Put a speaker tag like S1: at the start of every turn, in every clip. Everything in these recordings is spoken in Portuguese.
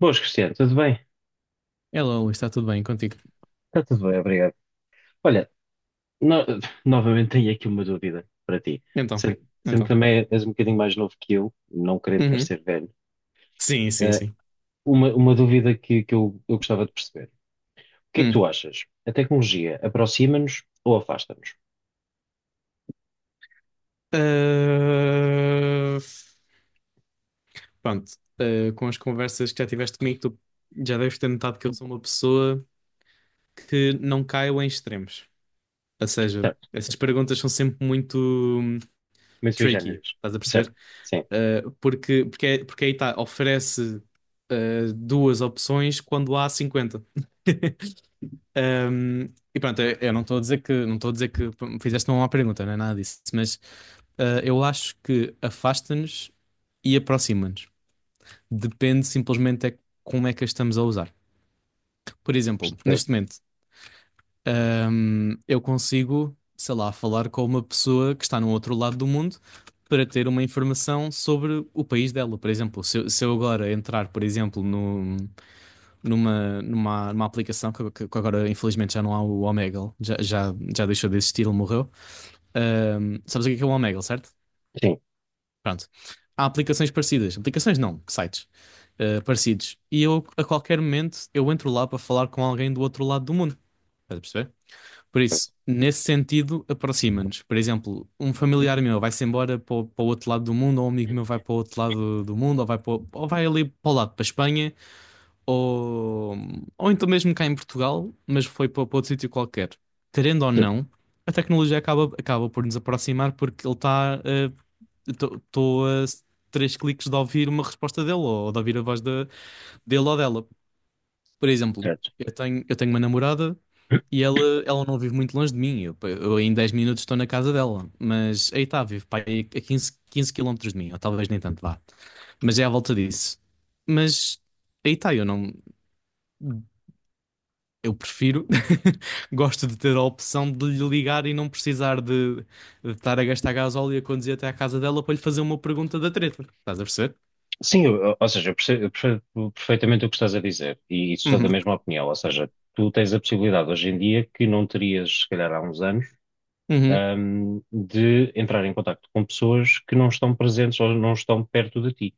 S1: Boas, Cristiano, tudo bem?
S2: Hello, Luís, está tudo bem contigo?
S1: Está tudo bem, obrigado. Olha, no- novamente tenho aqui uma dúvida para ti.
S2: Então,
S1: Sei que
S2: então.
S1: também és um bocadinho mais novo que eu, não querendo
S2: Uhum.
S1: parecer velho.
S2: Sim, sim,
S1: Eh,
S2: sim.
S1: uma dúvida que eu gostava de perceber. O que é que tu
S2: Hum.
S1: achas? A tecnologia aproxima-nos ou afasta-nos?
S2: Ah, pronto. Ah, com as conversas que já tiveste comigo, tu já deves ter notado que eu sou uma pessoa que não caio em extremos. Ou seja,
S1: Certo,
S2: essas perguntas são sempre muito hum,
S1: como sui
S2: tricky,
S1: generis.
S2: estás a
S1: Certo,
S2: perceber?
S1: sim,
S2: Ah, porque aí está, oferece ah, duas opções quando há 50. Um, e pronto, eu não estou a dizer que não estou a dizer que p- me fizeste uma má pergunta, não é nada disso, mas eu acho que afasta-nos e aproxima-nos. Depende simplesmente é como é que a estamos a usar. Por exemplo,
S1: percebo.
S2: neste momento, eu consigo, sei lá, falar com uma pessoa que está no outro lado do mundo para ter uma informação sobre o país dela. Por exemplo, se eu agora entrar, por exemplo, no, numa, numa, numa aplicação que agora infelizmente já não há o Omegle, já deixou de existir, ele morreu. Sabes o que é o Omegle, certo?
S1: Sim,
S2: Pronto. Há aplicações parecidas, aplicações não, sites parecidos. E eu, a qualquer momento, eu entro lá para falar com alguém do outro lado do mundo. Estás a perceber? Por
S1: certo,
S2: isso, nesse sentido, aproxima-nos. Por exemplo, um familiar meu vai-se embora para o outro lado do mundo, ou um amigo meu vai para o outro lado do mundo, ou vai, para o- ou vai ali para o lado, para a Espanha ou, ou então mesmo cá em Portugal, mas foi para outro sítio qualquer. Querendo ou
S1: certo,
S2: não, a tecnologia acaba por nos aproximar porque ele está. Estou a s- Três cliques de ouvir uma resposta dele ou de ouvir a voz dele ou dela. Por exemplo,
S1: certo.
S2: eu tenho uma namorada e ela não vive muito longe de mim. Eu em 10 minutos estou na casa dela, mas aí está, vive pá, aí a 15 15 quilómetros de mim, ou talvez nem tanto vá. Mas é à volta disso. Mas aí está, eu não. Eu prefiro, gosto de ter a opção de lhe ligar e não precisar de estar a gastar gasóleo e a conduzir até à casa dela para lhe fazer uma pergunta da treta. Estás a perceber?
S1: Sim, ou seja, eu percebo perfeitamente o que estás a dizer e sou da
S2: Uhum.
S1: mesma opinião. Ou seja, tu tens a possibilidade hoje em dia que não terias, se calhar, há uns anos,
S2: Uhum.
S1: de entrar em contacto com pessoas que não estão presentes ou não estão perto de ti.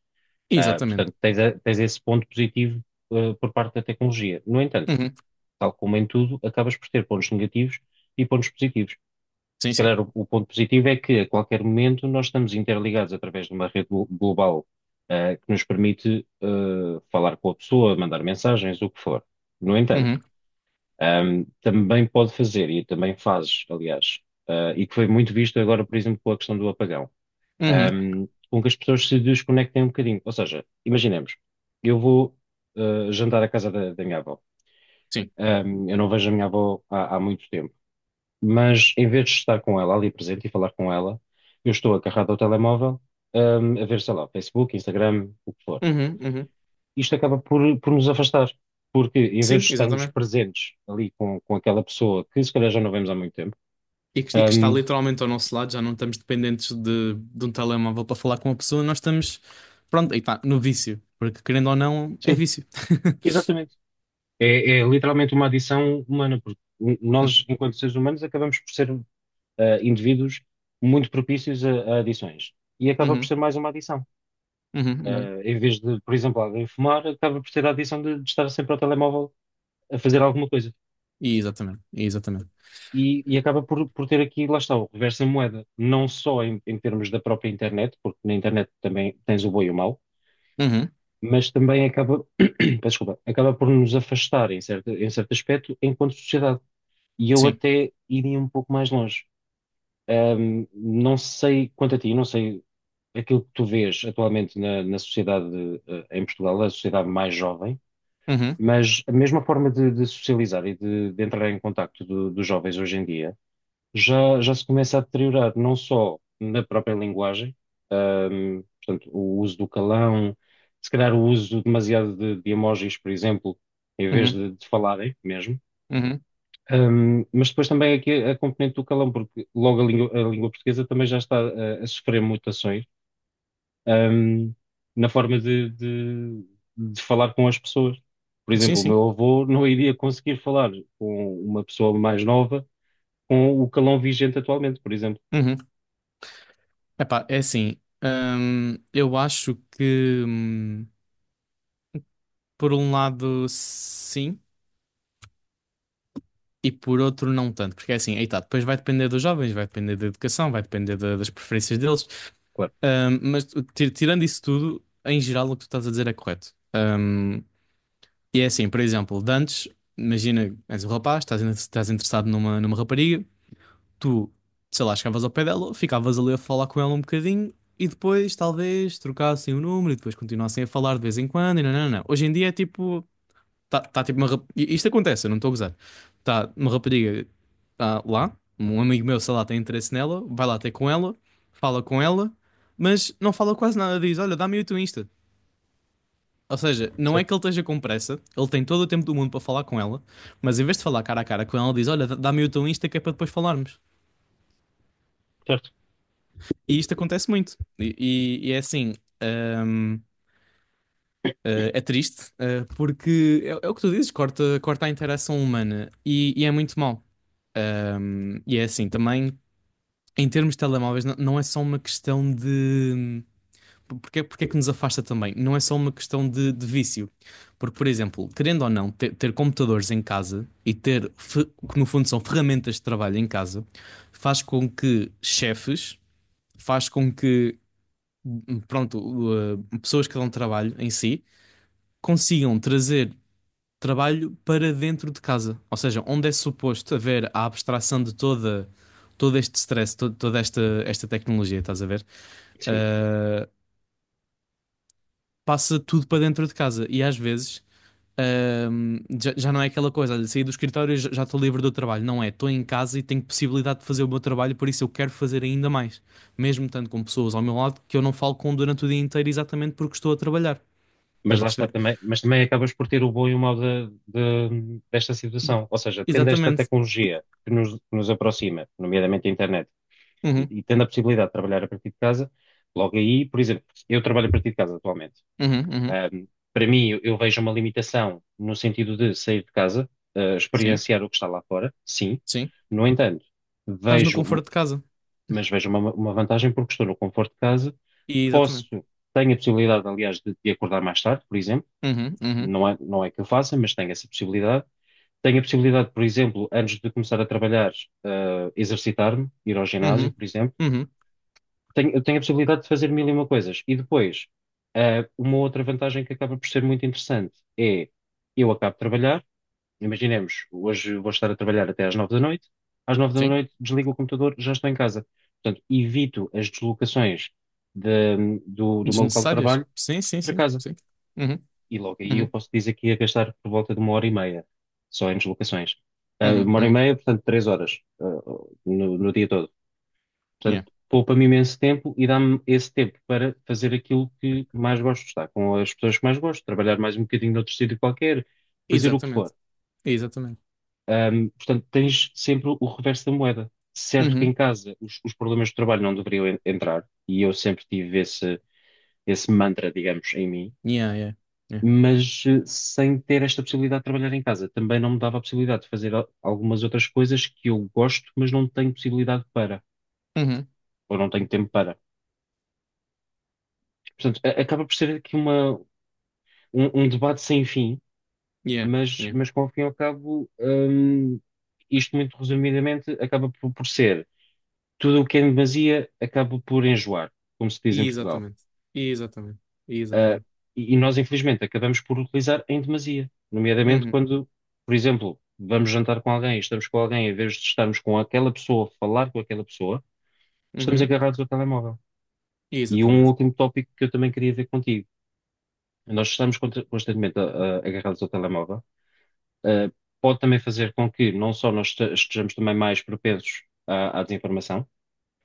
S2: Exatamente.
S1: Portanto, tens esse ponto positivo, por parte da tecnologia. No entanto,
S2: Uhum.
S1: tal como em tudo, acabas por ter pontos negativos e pontos positivos.
S2: Sim,
S1: Se
S2: sim.
S1: calhar o ponto positivo é que a qualquer momento nós estamos interligados através de uma rede global, que nos permite, falar com a pessoa, mandar mensagens, o que for. No entanto,
S2: Uhum.
S1: também pode fazer, e também fazes, aliás, e que foi muito visto agora, por exemplo, com a questão do apagão,
S2: Uhum.
S1: com que as pessoas se desconectem um bocadinho. Ou seja, imaginemos, eu vou jantar à casa da minha avó.
S2: Sim.
S1: Eu não vejo a minha avó há muito tempo, mas em vez de estar com ela ali presente e falar com ela, eu estou agarrado ao telemóvel, a ver, sei lá, Facebook, Instagram, o que for.
S2: Uhum. Uhum.
S1: Isto acaba por nos afastar, porque em vez
S2: Sim,
S1: de estarmos
S2: exatamente.
S1: presentes ali com aquela pessoa que se calhar já não vemos há muito tempo.
S2: E que está
S1: Hum,
S2: literalmente ao nosso lado, já não estamos dependentes de um telemóvel para falar com uma pessoa, nós estamos, pronto, aí está, no vício. Porque querendo ou não, é
S1: sim,
S2: vício.
S1: exatamente. É, é literalmente uma adição humana, porque
S2: Uhum.
S1: nós, enquanto seres humanos, acabamos por ser, indivíduos muito propícios a adições. E acaba por
S2: Uhum.
S1: ser mais uma adição.
S2: Uhum. Uhum.
S1: Em vez de, por exemplo, alguém fumar, acaba por ter a adição de estar sempre ao telemóvel a fazer alguma coisa.
S2: Exatamente. Exatamente.
S1: E acaba por ter aqui, lá está, o reverso em moeda, não só em, em termos da própria internet, porque na internet também tens o bom e o mau,
S2: Uhum.
S1: mas também acaba, peço desculpa, acaba por nos afastar em certo aspecto enquanto sociedade. E eu
S2: Sim.
S1: até iria um pouco mais longe. Não sei quanto a ti, não sei aquilo que tu vês atualmente na sociedade, em Portugal, a sociedade mais jovem.
S2: Uhum,
S1: Mas a mesma forma de socializar e de entrar em contacto dos jovens hoje em dia já se começa a deteriorar, não só na própria linguagem, portanto, o uso do calão, se calhar o uso demasiado de emojis, por exemplo, em vez
S2: uhum,
S1: de falarem mesmo.
S2: uhum.
S1: Mas depois também aqui a componente do calão, porque logo a língua portuguesa também já está a sofrer mutações, ahm, na forma de falar com as pessoas. Por
S2: Sim,
S1: exemplo, o
S2: sim.
S1: meu avô não iria conseguir falar com uma pessoa mais nova com o calão vigente atualmente, por exemplo.
S2: Uhum. Epá, é assim. Eu acho que, por um lado, sim, e por outro, não tanto. Porque é assim, aí tá, depois vai depender dos jovens, vai depender da educação, vai depender da- das preferências deles.
S1: Claro.
S2: Mas tirando isso tudo, em geral, o que tu estás a dizer é correto. E é assim, por exemplo, de antes, imagina, és um rapaz, estás interessado numa rapariga. Tu, sei lá, chegavas ao pé dela, ficavas ali a falar com ela um bocadinho e depois talvez trocassem o número e depois continuassem a falar de vez em quando. E não, não, não. Hoje em dia é tipo, tá tipo uma. E isto acontece, eu não estou a gozar. Tá uma rapariga lá, um amigo meu, sei lá, tem interesse nela, vai lá ter com ela, fala com ela, mas não fala quase nada. Diz: "Olha, dá-me o teu Insta." Ou seja, não é
S1: Certo,
S2: que ele esteja com pressa, ele tem todo o tempo do mundo para falar com ela, mas em vez de falar cara a cara com ela, diz: "Olha, dá-me o teu Insta que é para depois falarmos."
S1: certo.
S2: E isto acontece muito. E é assim, hum, é triste, porque é, é o que tu dizes, corta, corta a interação humana e é muito mau. E é assim, também, em termos de telemóveis, não, não é só uma questão de. Porque, porque é que nos afasta também? Não é só uma questão de vício. Porque, por exemplo, querendo ou não, ter computadores em casa e ter, que no fundo são ferramentas de trabalho em casa, faz com que chefes, faz com que pronto, pessoas que dão trabalho em si, consigam trazer trabalho para dentro de casa. Ou seja, onde é suposto haver a abstração de todo este stress, toda esta tecnologia, estás a ver?
S1: Sim.
S2: Uh, passa tudo para dentro de casa. E às vezes. Já não é aquela coisa, olha, saí do escritório e já já estou livre do trabalho. Não é, estou em casa e tenho possibilidade de fazer o meu trabalho, por isso eu quero fazer ainda mais. Mesmo tanto com pessoas ao meu lado que eu não falo com durante o dia inteiro exatamente porque estou a trabalhar.
S1: Mas
S2: Estás a
S1: lá está
S2: perceber?
S1: também, mas também acabas por ter o bom e o mau desta situação. Ou seja, tendo esta
S2: Exatamente.
S1: tecnologia que nos aproxima, nomeadamente a internet, e,
S2: Uhum,
S1: e tendo a possibilidade de trabalhar a partir de casa, logo aí, por exemplo, eu trabalho a partir de casa atualmente.
S2: uhum, uhum.
S1: Um, para mim, eu vejo uma limitação no sentido de sair de casa,
S2: Sim,
S1: experienciar o que está lá fora, sim.
S2: sim.
S1: No entanto,
S2: Estás no
S1: vejo,
S2: conforto de casa.
S1: mas vejo uma vantagem porque estou no conforto de casa,
S2: E,
S1: posso,
S2: exatamente.
S1: tenho a possibilidade, aliás, de acordar mais tarde, por exemplo.
S2: Uhum, uhum,
S1: Não é, não é que eu faça, mas tenho essa possibilidade. Tenho a possibilidade, por exemplo, antes de começar a trabalhar, exercitar-me, ir ao ginásio,
S2: uhum,
S1: por exemplo.
S2: uhum.
S1: Tenho, eu tenho a possibilidade de fazer mil e uma coisas. E depois, uma outra vantagem que acaba por ser muito interessante é: eu acabo de trabalhar, imaginemos, hoje vou estar a trabalhar até às nove da noite, às nove da
S2: Sim.
S1: noite desligo o computador, já estou em casa. Portanto, evito as deslocações do meu local de
S2: Desnecessárias?
S1: trabalho
S2: Sim, sim,
S1: para
S2: sim,
S1: casa.
S2: sim. Uhum,
S1: E logo aí eu
S2: uhum,
S1: posso dizer que ia gastar por volta de uma hora e meia só em deslocações.
S2: uhum,
S1: Uma hora e
S2: uhum.
S1: meia, portanto, três horas, no dia todo.
S2: Yeah.
S1: Portanto, poupa-me imenso tempo e dá-me esse tempo para fazer aquilo que mais gosto, estar com as pessoas que mais gosto, trabalhar mais um bocadinho noutro sítio qualquer, fazer o que
S2: Exatamente.
S1: for.
S2: Exatamente.
S1: Portanto, tens sempre o reverso da moeda. Certo que em
S2: Uhum.
S1: casa os problemas de trabalho não deveriam entrar, e eu sempre tive esse mantra, digamos, em mim,
S2: Yeah, yeah. Yeah.
S1: mas sem ter esta possibilidade de trabalhar em casa, também não me dava a possibilidade de fazer algumas outras coisas que eu gosto, mas não tenho possibilidade para,
S2: Uhum.
S1: ou não tenho tempo para. Portanto, acaba por ser aqui uma, um debate sem fim,
S2: Yeah,
S1: mas,
S2: yeah.
S1: mas que ao fim e ao cabo, isto muito resumidamente acaba por ser tudo o que é em demasia acaba por enjoar, como se diz em Portugal.
S2: Exatamente. Exatamente.
S1: Ah,
S2: Exatamente.
S1: e nós, infelizmente, acabamos por utilizar em demasia, nomeadamente
S2: Uhum,
S1: quando, por exemplo, vamos jantar com alguém, estamos com alguém, em vez de estarmos com aquela pessoa, falar com aquela pessoa, estamos
S2: uhum.
S1: agarrados ao telemóvel. E um
S2: Exatamente.
S1: último tópico que eu também queria ver contigo. Nós estamos constantemente agarrados ao telemóvel. Uh, pode também fazer com que não só nós estejamos também mais propensos à desinformação,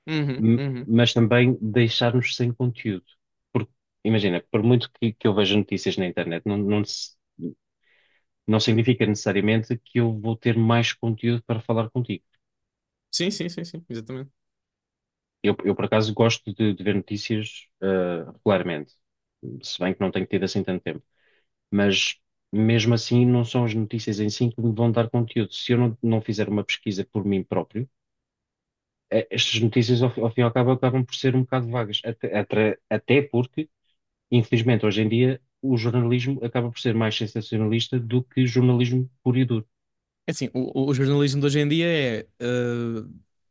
S2: Uhum,
S1: m-
S2: uhum.
S1: mas também deixarmos sem conteúdo. Porque, imagina, por muito que eu veja notícias na internet, não significa necessariamente que eu vou ter mais conteúdo para falar contigo.
S2: Sim, sim, sim, sim. Exatamente.
S1: Eu, por acaso, gosto de ver notícias, regularmente, se bem que não tenho tido assim tanto tempo. Mas, mesmo assim, não são as notícias em si que me vão dar conteúdo. Se eu não fizer uma pesquisa por mim próprio, estas notícias, ao fim e ao cabo, acabam por ser um bocado vagas. Até porque, infelizmente, hoje em dia, o jornalismo acaba por ser mais sensacionalista do que jornalismo puro e duro,
S2: É assim, o jornalismo de hoje em dia é,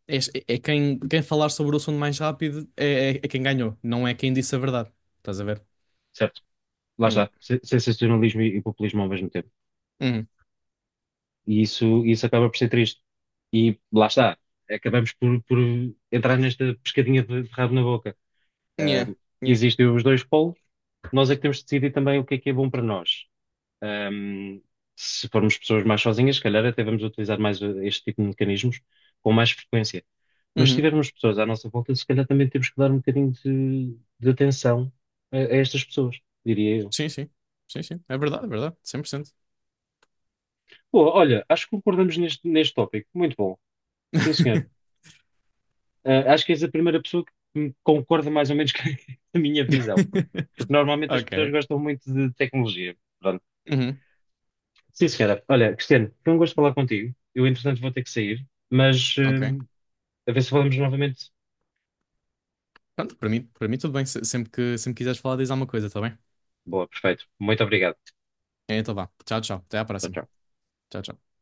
S2: eh, é quem falar sobre o assunto mais rápido é quem ganhou, não é quem disse a verdade. Estás a ver?
S1: certo? Lá
S2: Yeah.
S1: está, sensacionalismo e populismo ao mesmo tempo.
S2: Uhum.
S1: E isso acaba por ser triste. E lá está, acabamos por entrar nesta pescadinha de rabo na boca. Ah,
S2: Yeah. Yeah.
S1: existem os dois polos, nós é que temos de decidir também o que é bom para nós. Um, se formos pessoas mais sozinhas, se calhar até vamos utilizar mais este tipo de mecanismos com mais frequência. Mas se
S2: Uhum.
S1: tivermos pessoas à nossa volta, se calhar também temos que dar um bocadinho de atenção a estas pessoas, diria eu.
S2: Sim, sim. Sim, sim. É verdade, é verdade. 100%.
S1: Boa, olha, acho que concordamos neste tópico. Muito bom. Sim, senhor. Acho que és a primeira pessoa que me concorda mais ou menos com a minha visão. Porque normalmente as pessoas
S2: Ok.
S1: gostam muito de tecnologia. Pronto.
S2: Uhum.
S1: Sim, senhora. Olha, Cristiano, foi um gosto falar contigo. Eu, entretanto, vou ter que sair, mas
S2: Ok.
S1: a ver se falamos novamente.
S2: Pronto, para mim tudo bem. Sempre quiseres falar, diz alguma coisa, tá bem?
S1: Boa, perfeito. Muito obrigado.
S2: Então vá. Tchau, tchau. Até à
S1: Tchau,
S2: próxima.
S1: tchau.
S2: Tchau, tchau.